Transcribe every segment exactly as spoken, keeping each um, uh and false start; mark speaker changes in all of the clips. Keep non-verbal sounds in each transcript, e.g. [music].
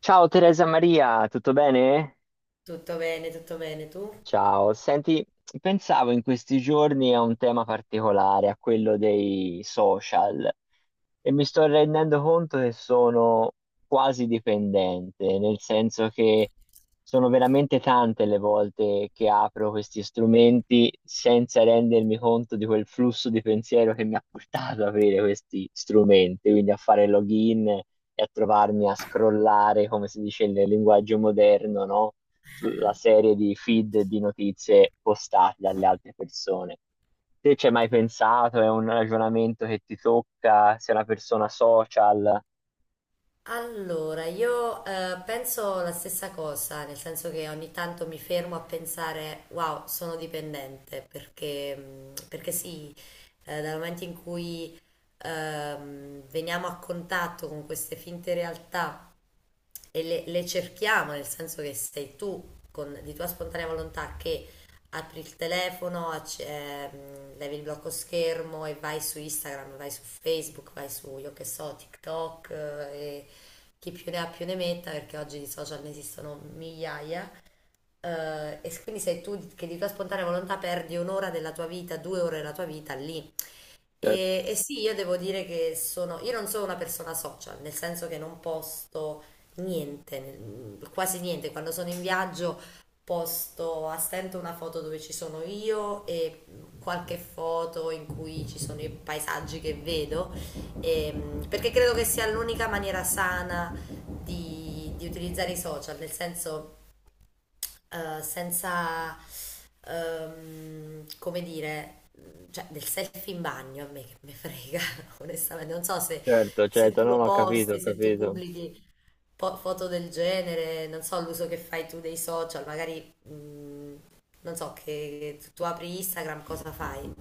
Speaker 1: Ciao Teresa Maria, tutto bene?
Speaker 2: Tutto bene, tutto bene, tu?
Speaker 1: Ciao, senti, pensavo in questi giorni a un tema particolare, a quello dei social, e mi sto rendendo conto che sono quasi dipendente, nel senso che sono veramente tante le volte che apro questi strumenti senza rendermi conto di quel flusso di pensiero che mi ha portato ad avere questi strumenti, quindi a fare login e a trovarmi a scrollare, come si dice nel linguaggio moderno, no? Sulla serie di feed di notizie postate dalle altre persone. Te ci hai mai pensato? È un ragionamento che ti tocca? Sei una persona social?
Speaker 2: Allora, io eh, penso la stessa cosa, nel senso che ogni tanto mi fermo a pensare, wow, sono dipendente, perché, mh, perché sì, eh, dal momento in cui ehm, veniamo a contatto con queste finte realtà, e le, le cerchiamo, nel senso che sei tu con, di tua spontanea volontà che apri il telefono, acc- ehm, levi il blocco schermo e vai su Instagram, vai su Facebook, vai su, io che so, TikTok eh, e chi più ne ha più ne metta, perché oggi di social ne esistono migliaia. Eh, e quindi sei tu che di tua spontanea volontà perdi un'ora della tua vita, due ore della tua vita lì.
Speaker 1: Certo.
Speaker 2: E, e sì, io devo dire che sono, io non sono una persona social, nel senso che non posto niente, nel- quasi niente. Quando sono in viaggio posto a stento una foto dove ci sono io e qualche foto in cui ci sono i paesaggi che vedo, ehm, perché credo che sia l'unica maniera sana di, di utilizzare i social, nel senso eh, senza, ehm, come dire, cioè del selfie in bagno a me che me frega, [laughs] onestamente. Non so se,
Speaker 1: Certo,
Speaker 2: se
Speaker 1: certo,
Speaker 2: tu
Speaker 1: non
Speaker 2: lo
Speaker 1: ho capito, ho
Speaker 2: posti, se tu
Speaker 1: capito.
Speaker 2: pubblichi po- foto del genere, non so l'uso che fai tu dei social, magari, mm, non so, che tu apri Instagram, cosa fai?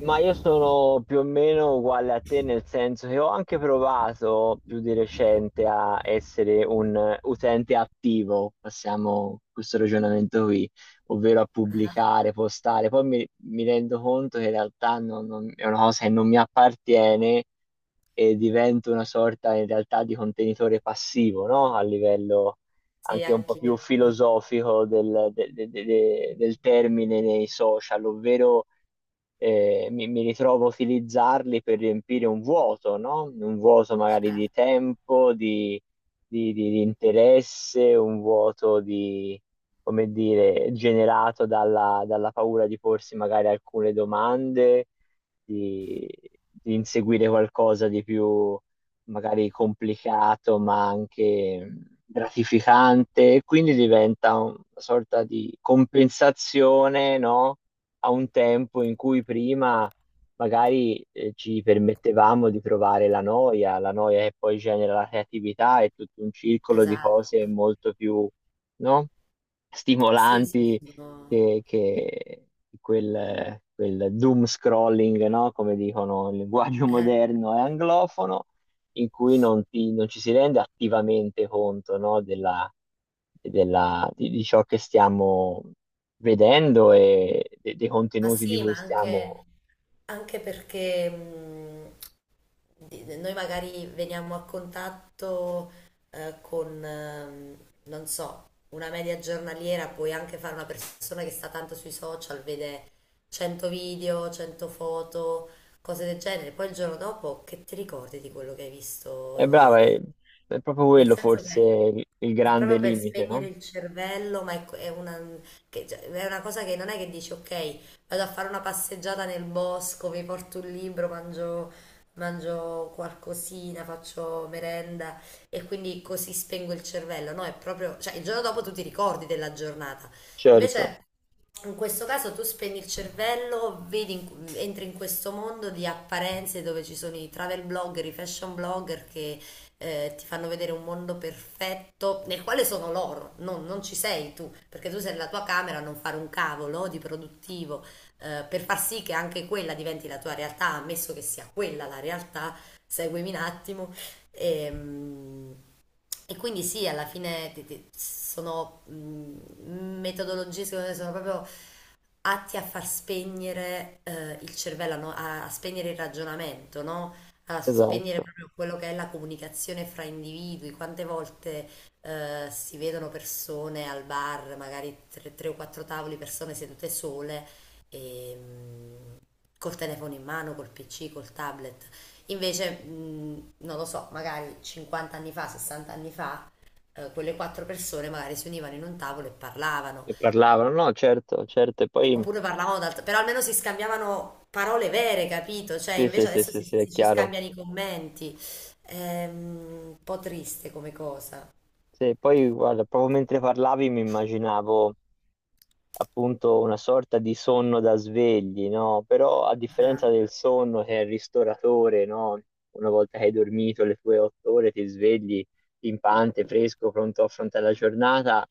Speaker 1: Ma io sono più o meno uguale a te, nel senso che ho anche provato più di recente a essere un eh, utente attivo, passiamo questo ragionamento qui, ovvero a pubblicare, postare. Poi mi, mi rendo conto che in realtà non- non- è una cosa che non mi appartiene e divento una sorta in realtà di contenitore passivo, no? A livello
Speaker 2: Sì,
Speaker 1: anche un po' più
Speaker 2: anch'io,
Speaker 1: filosofico del, de- de- de- de- del termine nei social, ovvero eh, mi, mi ritrovo a utilizzarli per riempire un vuoto, no? Un vuoto magari di
Speaker 2: certo,
Speaker 1: tempo, di, di- di- di interesse, un vuoto di, come dire, generato dalla, dalla paura di porsi magari alcune domande, di, di inseguire qualcosa di più magari complicato, ma anche gratificante, e quindi diventa una sorta di compensazione, no? A un tempo in cui prima magari eh, ci permettevamo di provare la noia, la noia che poi genera la creatività e tutto un circolo di
Speaker 2: esatto.
Speaker 1: cose molto più, no?
Speaker 2: Sì, sì,
Speaker 1: Stimolanti
Speaker 2: sono...
Speaker 1: che, che quel, quel doom scrolling, no? Come dicono il linguaggio
Speaker 2: eh,
Speaker 1: moderno e anglofono in cui non, ti- non ci si rende attivamente conto, no, della, della- di, di ciò che stiamo vedendo e de- dei
Speaker 2: ma
Speaker 1: contenuti di
Speaker 2: sì,
Speaker 1: cui
Speaker 2: ma anche...
Speaker 1: stiamo...
Speaker 2: Anche perché mh, di- noi magari veniamo a contatto eh, con, ehm, non so, una media giornaliera, puoi anche fare una persona che sta tanto sui social, vede cento video, cento foto, cose del genere, poi il giorno dopo che ti ricordi di quello che hai visto
Speaker 1: È brava,
Speaker 2: ieri?
Speaker 1: è, è proprio
Speaker 2: Nel
Speaker 1: quello
Speaker 2: senso
Speaker 1: forse
Speaker 2: che
Speaker 1: il, il
Speaker 2: è
Speaker 1: grande
Speaker 2: proprio per
Speaker 1: limite,
Speaker 2: spegnere
Speaker 1: no?
Speaker 2: il cervello, ma è, è una, che- cioè, è una cosa che non è che dici, ok, vado a fare una passeggiata nel bosco, mi porto un libro, mangio, mangio qualcosina, faccio merenda e quindi così spengo il cervello. No, è proprio, cioè il giorno dopo tu ti ricordi della giornata.
Speaker 1: Certo,
Speaker 2: Invece in questo caso tu spegni il cervello, vedi in- entri in questo mondo di apparenze dove ci sono i travel blogger, i fashion blogger che eh, ti fanno vedere un mondo perfetto nel quale sono loro, non, non ci sei tu, perché tu sei nella tua camera a non fare un cavolo di produttivo, eh, per far sì che anche quella diventi la tua realtà, ammesso che sia quella la realtà, seguimi un attimo. E, mm, e quindi sì, alla fine ti- ti- sono mm, metodologie, secondo me, sono proprio atti a far spegnere eh, il cervello, a, no- a- a spegnere il ragionamento, no? A spegnere
Speaker 1: esatto.
Speaker 2: proprio quello che è la comunicazione fra individui. Quante volte eh, si vedono persone al bar, magari tre, tre o quattro tavoli, persone sedute sole, e, mh, col telefono in mano, col pi ci, col tablet. Invece, mh, non lo so, magari cinquanta anni fa, sessanta anni fa, eh, quelle quattro persone magari si univano in un tavolo e parlavano.
Speaker 1: E parlavano, no, certo, certo, e poi...
Speaker 2: Oppure parlavamo d'altro, però almeno si scambiavano parole vere, capito? Cioè,
Speaker 1: Sì, sì,
Speaker 2: invece
Speaker 1: sì,
Speaker 2: adesso
Speaker 1: sì,
Speaker 2: si,
Speaker 1: sì, è
Speaker 2: si- ci
Speaker 1: chiaro.
Speaker 2: scambiano i commenti. Ehm, un po' triste come cosa.
Speaker 1: Sì, poi guarda, proprio mentre parlavi mi immaginavo appunto una sorta di sonno da svegli, no? Però a differenza
Speaker 2: Esatto,
Speaker 1: del sonno che è il ristoratore, no? Una volta che hai dormito le tue otto ore ti svegli pimpante, fresco, pronto a affrontare la giornata,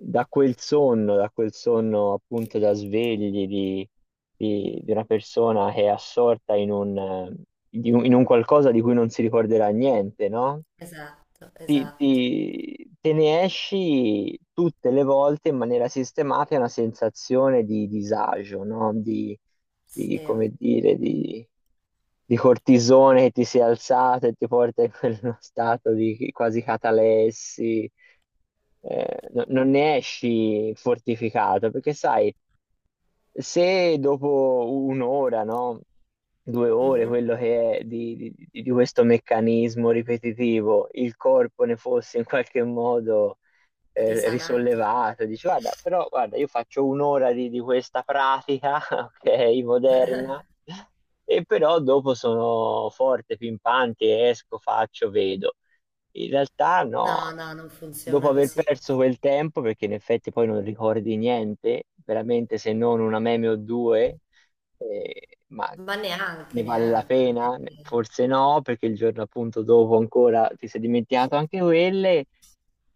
Speaker 1: da quel sonno, da quel sonno appunto da svegli di, di- di una persona che è assorta in un, eh, di un- in un qualcosa di cui non si ricorderà niente, no?
Speaker 2: esatto,
Speaker 1: ti,
Speaker 2: esatto.
Speaker 1: ti- te ne esci tutte le volte in maniera sistematica una sensazione di disagio, no? Di, di,
Speaker 2: Sì.
Speaker 1: come dire, di, di cortisone che ti si è alzato e ti porta in quello [laughs] stato di quasi catalessi. Eh, no- non ne esci fortificato, perché sai, se dopo un'ora, no? Due ore,
Speaker 2: Mhm.
Speaker 1: quello che è di, di- di questo meccanismo ripetitivo, il corpo ne fosse in qualche modo eh,
Speaker 2: Risanato.
Speaker 1: risollevato, dici guarda, però guarda, io faccio un'ora di, di questa pratica, [laughs] ok, moderna, e però dopo sono forte, pimpante, esco, faccio, vedo. In realtà no,
Speaker 2: No, no, non
Speaker 1: dopo
Speaker 2: funziona
Speaker 1: aver
Speaker 2: così.
Speaker 1: perso quel tempo, perché in effetti poi non ricordi niente, veramente se non una meme o due, eh, ma
Speaker 2: Ma neanche,
Speaker 1: ne vale la
Speaker 2: neanche. Non è
Speaker 1: pena?
Speaker 2: che-
Speaker 1: Forse no, perché il giorno appunto dopo ancora ti sei dimenticato anche quelle,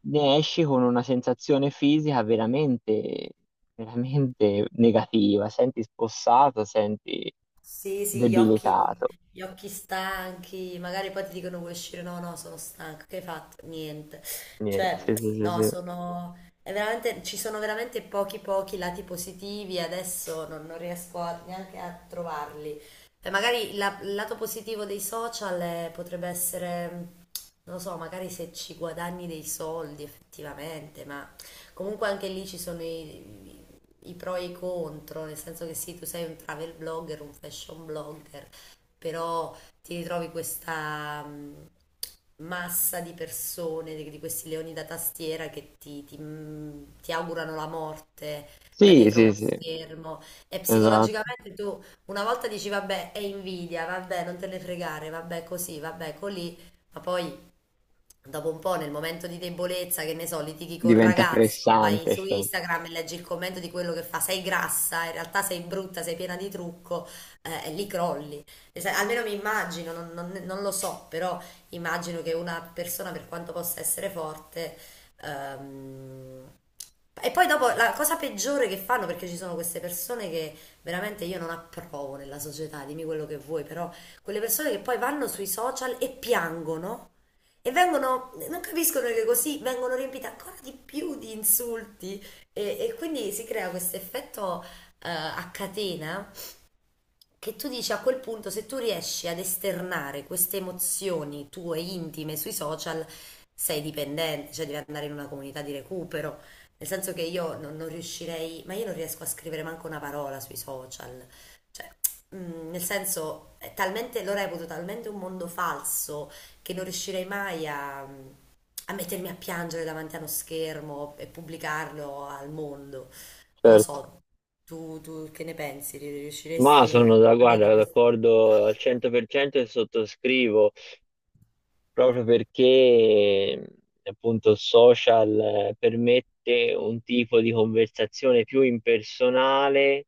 Speaker 1: ne esci con una sensazione fisica veramente, veramente negativa, senti spossato, senti
Speaker 2: Sì, sì, gli occhi,
Speaker 1: debilitato.
Speaker 2: gli occhi stanchi, magari poi ti dicono vuoi uscire, no, no, sono stanco, che hai fatto? Niente.
Speaker 1: Niente,
Speaker 2: Cioè,
Speaker 1: sì, sì, sì,
Speaker 2: no,
Speaker 1: sì.
Speaker 2: sono, è veramente, ci sono veramente pochi pochi lati positivi e adesso non, non riesco a- neanche a trovarli. E magari la- il lato positivo dei social è- potrebbe essere, non lo so, magari se ci guadagni dei soldi effettivamente, ma comunque anche lì ci sono i i pro e i contro, nel senso che sì, tu sei un travel blogger, un fashion blogger, però ti ritrovi questa mh, massa di persone, di, di questi leoni da tastiera che ti, ti, mh, ti augurano la morte da
Speaker 1: Sì,
Speaker 2: dietro
Speaker 1: sì,
Speaker 2: uno
Speaker 1: sì,
Speaker 2: schermo e
Speaker 1: esatto,
Speaker 2: psicologicamente tu una volta dici vabbè è invidia, vabbè non te ne fregare, vabbè così, vabbè colì, ma poi dopo un po', nel momento di debolezza, che ne so, litighi col
Speaker 1: diventa
Speaker 2: ragazzo, vai
Speaker 1: pressante,
Speaker 2: su
Speaker 1: certo.
Speaker 2: Instagram e leggi il commento di quello che fa, sei grassa, in realtà sei brutta, sei piena di trucco, eh, e lì crolli. E sai, almeno mi immagino, non, non- non lo so, però immagino che una persona, per quanto possa essere forte, ehm, e poi dopo la cosa peggiore che fanno, perché ci sono queste persone che veramente io non approvo nella società, dimmi quello che vuoi, però quelle persone che poi vanno sui social e piangono e vengono, non capiscono che così vengono riempite ancora di più di insulti e, e quindi si crea questo effetto eh, a catena che tu dici a quel punto, se tu riesci ad esternare queste emozioni tue intime sui social, sei dipendente, cioè devi andare in una comunità di recupero. Nel senso che io non, non riuscirei, ma io non riesco a scrivere manco una parola sui social. Cioè, mm, nel senso, è talmente, lo reputo talmente un mondo falso che non riuscirei mai a, a mettermi a piangere davanti a uno schermo e pubblicarlo al mondo. Non lo
Speaker 1: Certo.
Speaker 2: so, tu, tu che ne pensi?
Speaker 1: Ma
Speaker 2: Riusciresti
Speaker 1: sono da,
Speaker 2: vedi
Speaker 1: guarda,
Speaker 2: questo?
Speaker 1: d'accordo al cento per cento e sottoscrivo. Proprio perché appunto il social eh, permette un tipo di conversazione più impersonale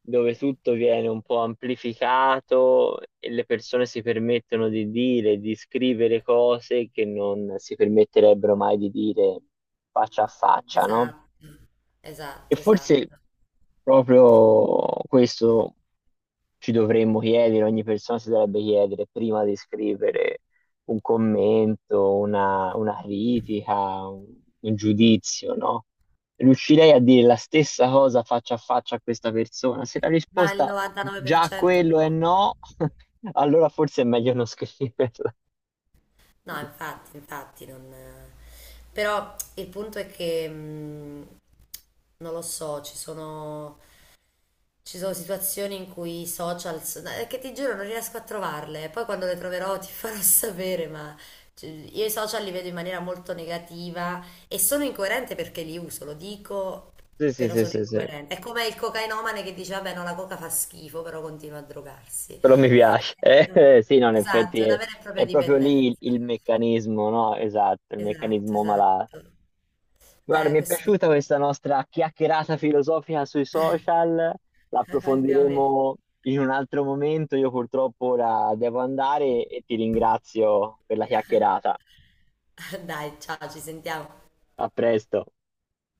Speaker 1: dove tutto viene un po' amplificato e le persone si permettono di dire, di scrivere cose che non si permetterebbero mai di dire faccia a faccia, no?
Speaker 2: Esatto,
Speaker 1: E
Speaker 2: esatto,
Speaker 1: forse
Speaker 2: esatto.
Speaker 1: proprio questo ci dovremmo chiedere, ogni persona si dovrebbe chiedere prima di scrivere un commento, una, una critica, un, un giudizio, no? Riuscirei a dire la stessa cosa faccia a faccia a questa persona? Se la
Speaker 2: Ma il
Speaker 1: risposta già a
Speaker 2: novantanove per cento
Speaker 1: quello è
Speaker 2: no.
Speaker 1: no, [laughs] allora forse è meglio non scriverla.
Speaker 2: No, infatti, infatti non... eh. Però il punto è che mh, non lo so, ci sono... Ci sono situazioni in cui i social, so- eh, che ti giuro non riesco a trovarle, poi quando le troverò ti farò [laughs] sapere, ma cioè, io i social li vedo in maniera molto negativa e sono incoerente perché li uso, lo dico,
Speaker 1: Sì, sì,
Speaker 2: però
Speaker 1: sì,
Speaker 2: sono
Speaker 1: sì, sì.
Speaker 2: incoerente. È come il cocainomane che dice, vabbè, no, la coca fa schifo, però continua a drogarsi.
Speaker 1: Però mi
Speaker 2: Eh,
Speaker 1: piace. [laughs] Eh,
Speaker 2: è un-
Speaker 1: eh, sì, no, in
Speaker 2: esatto,
Speaker 1: effetti
Speaker 2: è una
Speaker 1: è,
Speaker 2: vera e propria
Speaker 1: è proprio lì
Speaker 2: dipendenza.
Speaker 1: il, il meccanismo, no? Esatto, il
Speaker 2: Esatto,
Speaker 1: meccanismo malato.
Speaker 2: esatto.
Speaker 1: Guarda,
Speaker 2: Eh,
Speaker 1: mi è
Speaker 2: questo
Speaker 1: piaciuta questa nostra chiacchierata filosofica sui social,
Speaker 2: [laughs] anche a me.
Speaker 1: l'approfondiremo in un altro momento. Io purtroppo ora devo andare e ti ringrazio per la chiacchierata.
Speaker 2: [laughs] Dai, ciao, ci sentiamo.
Speaker 1: A presto.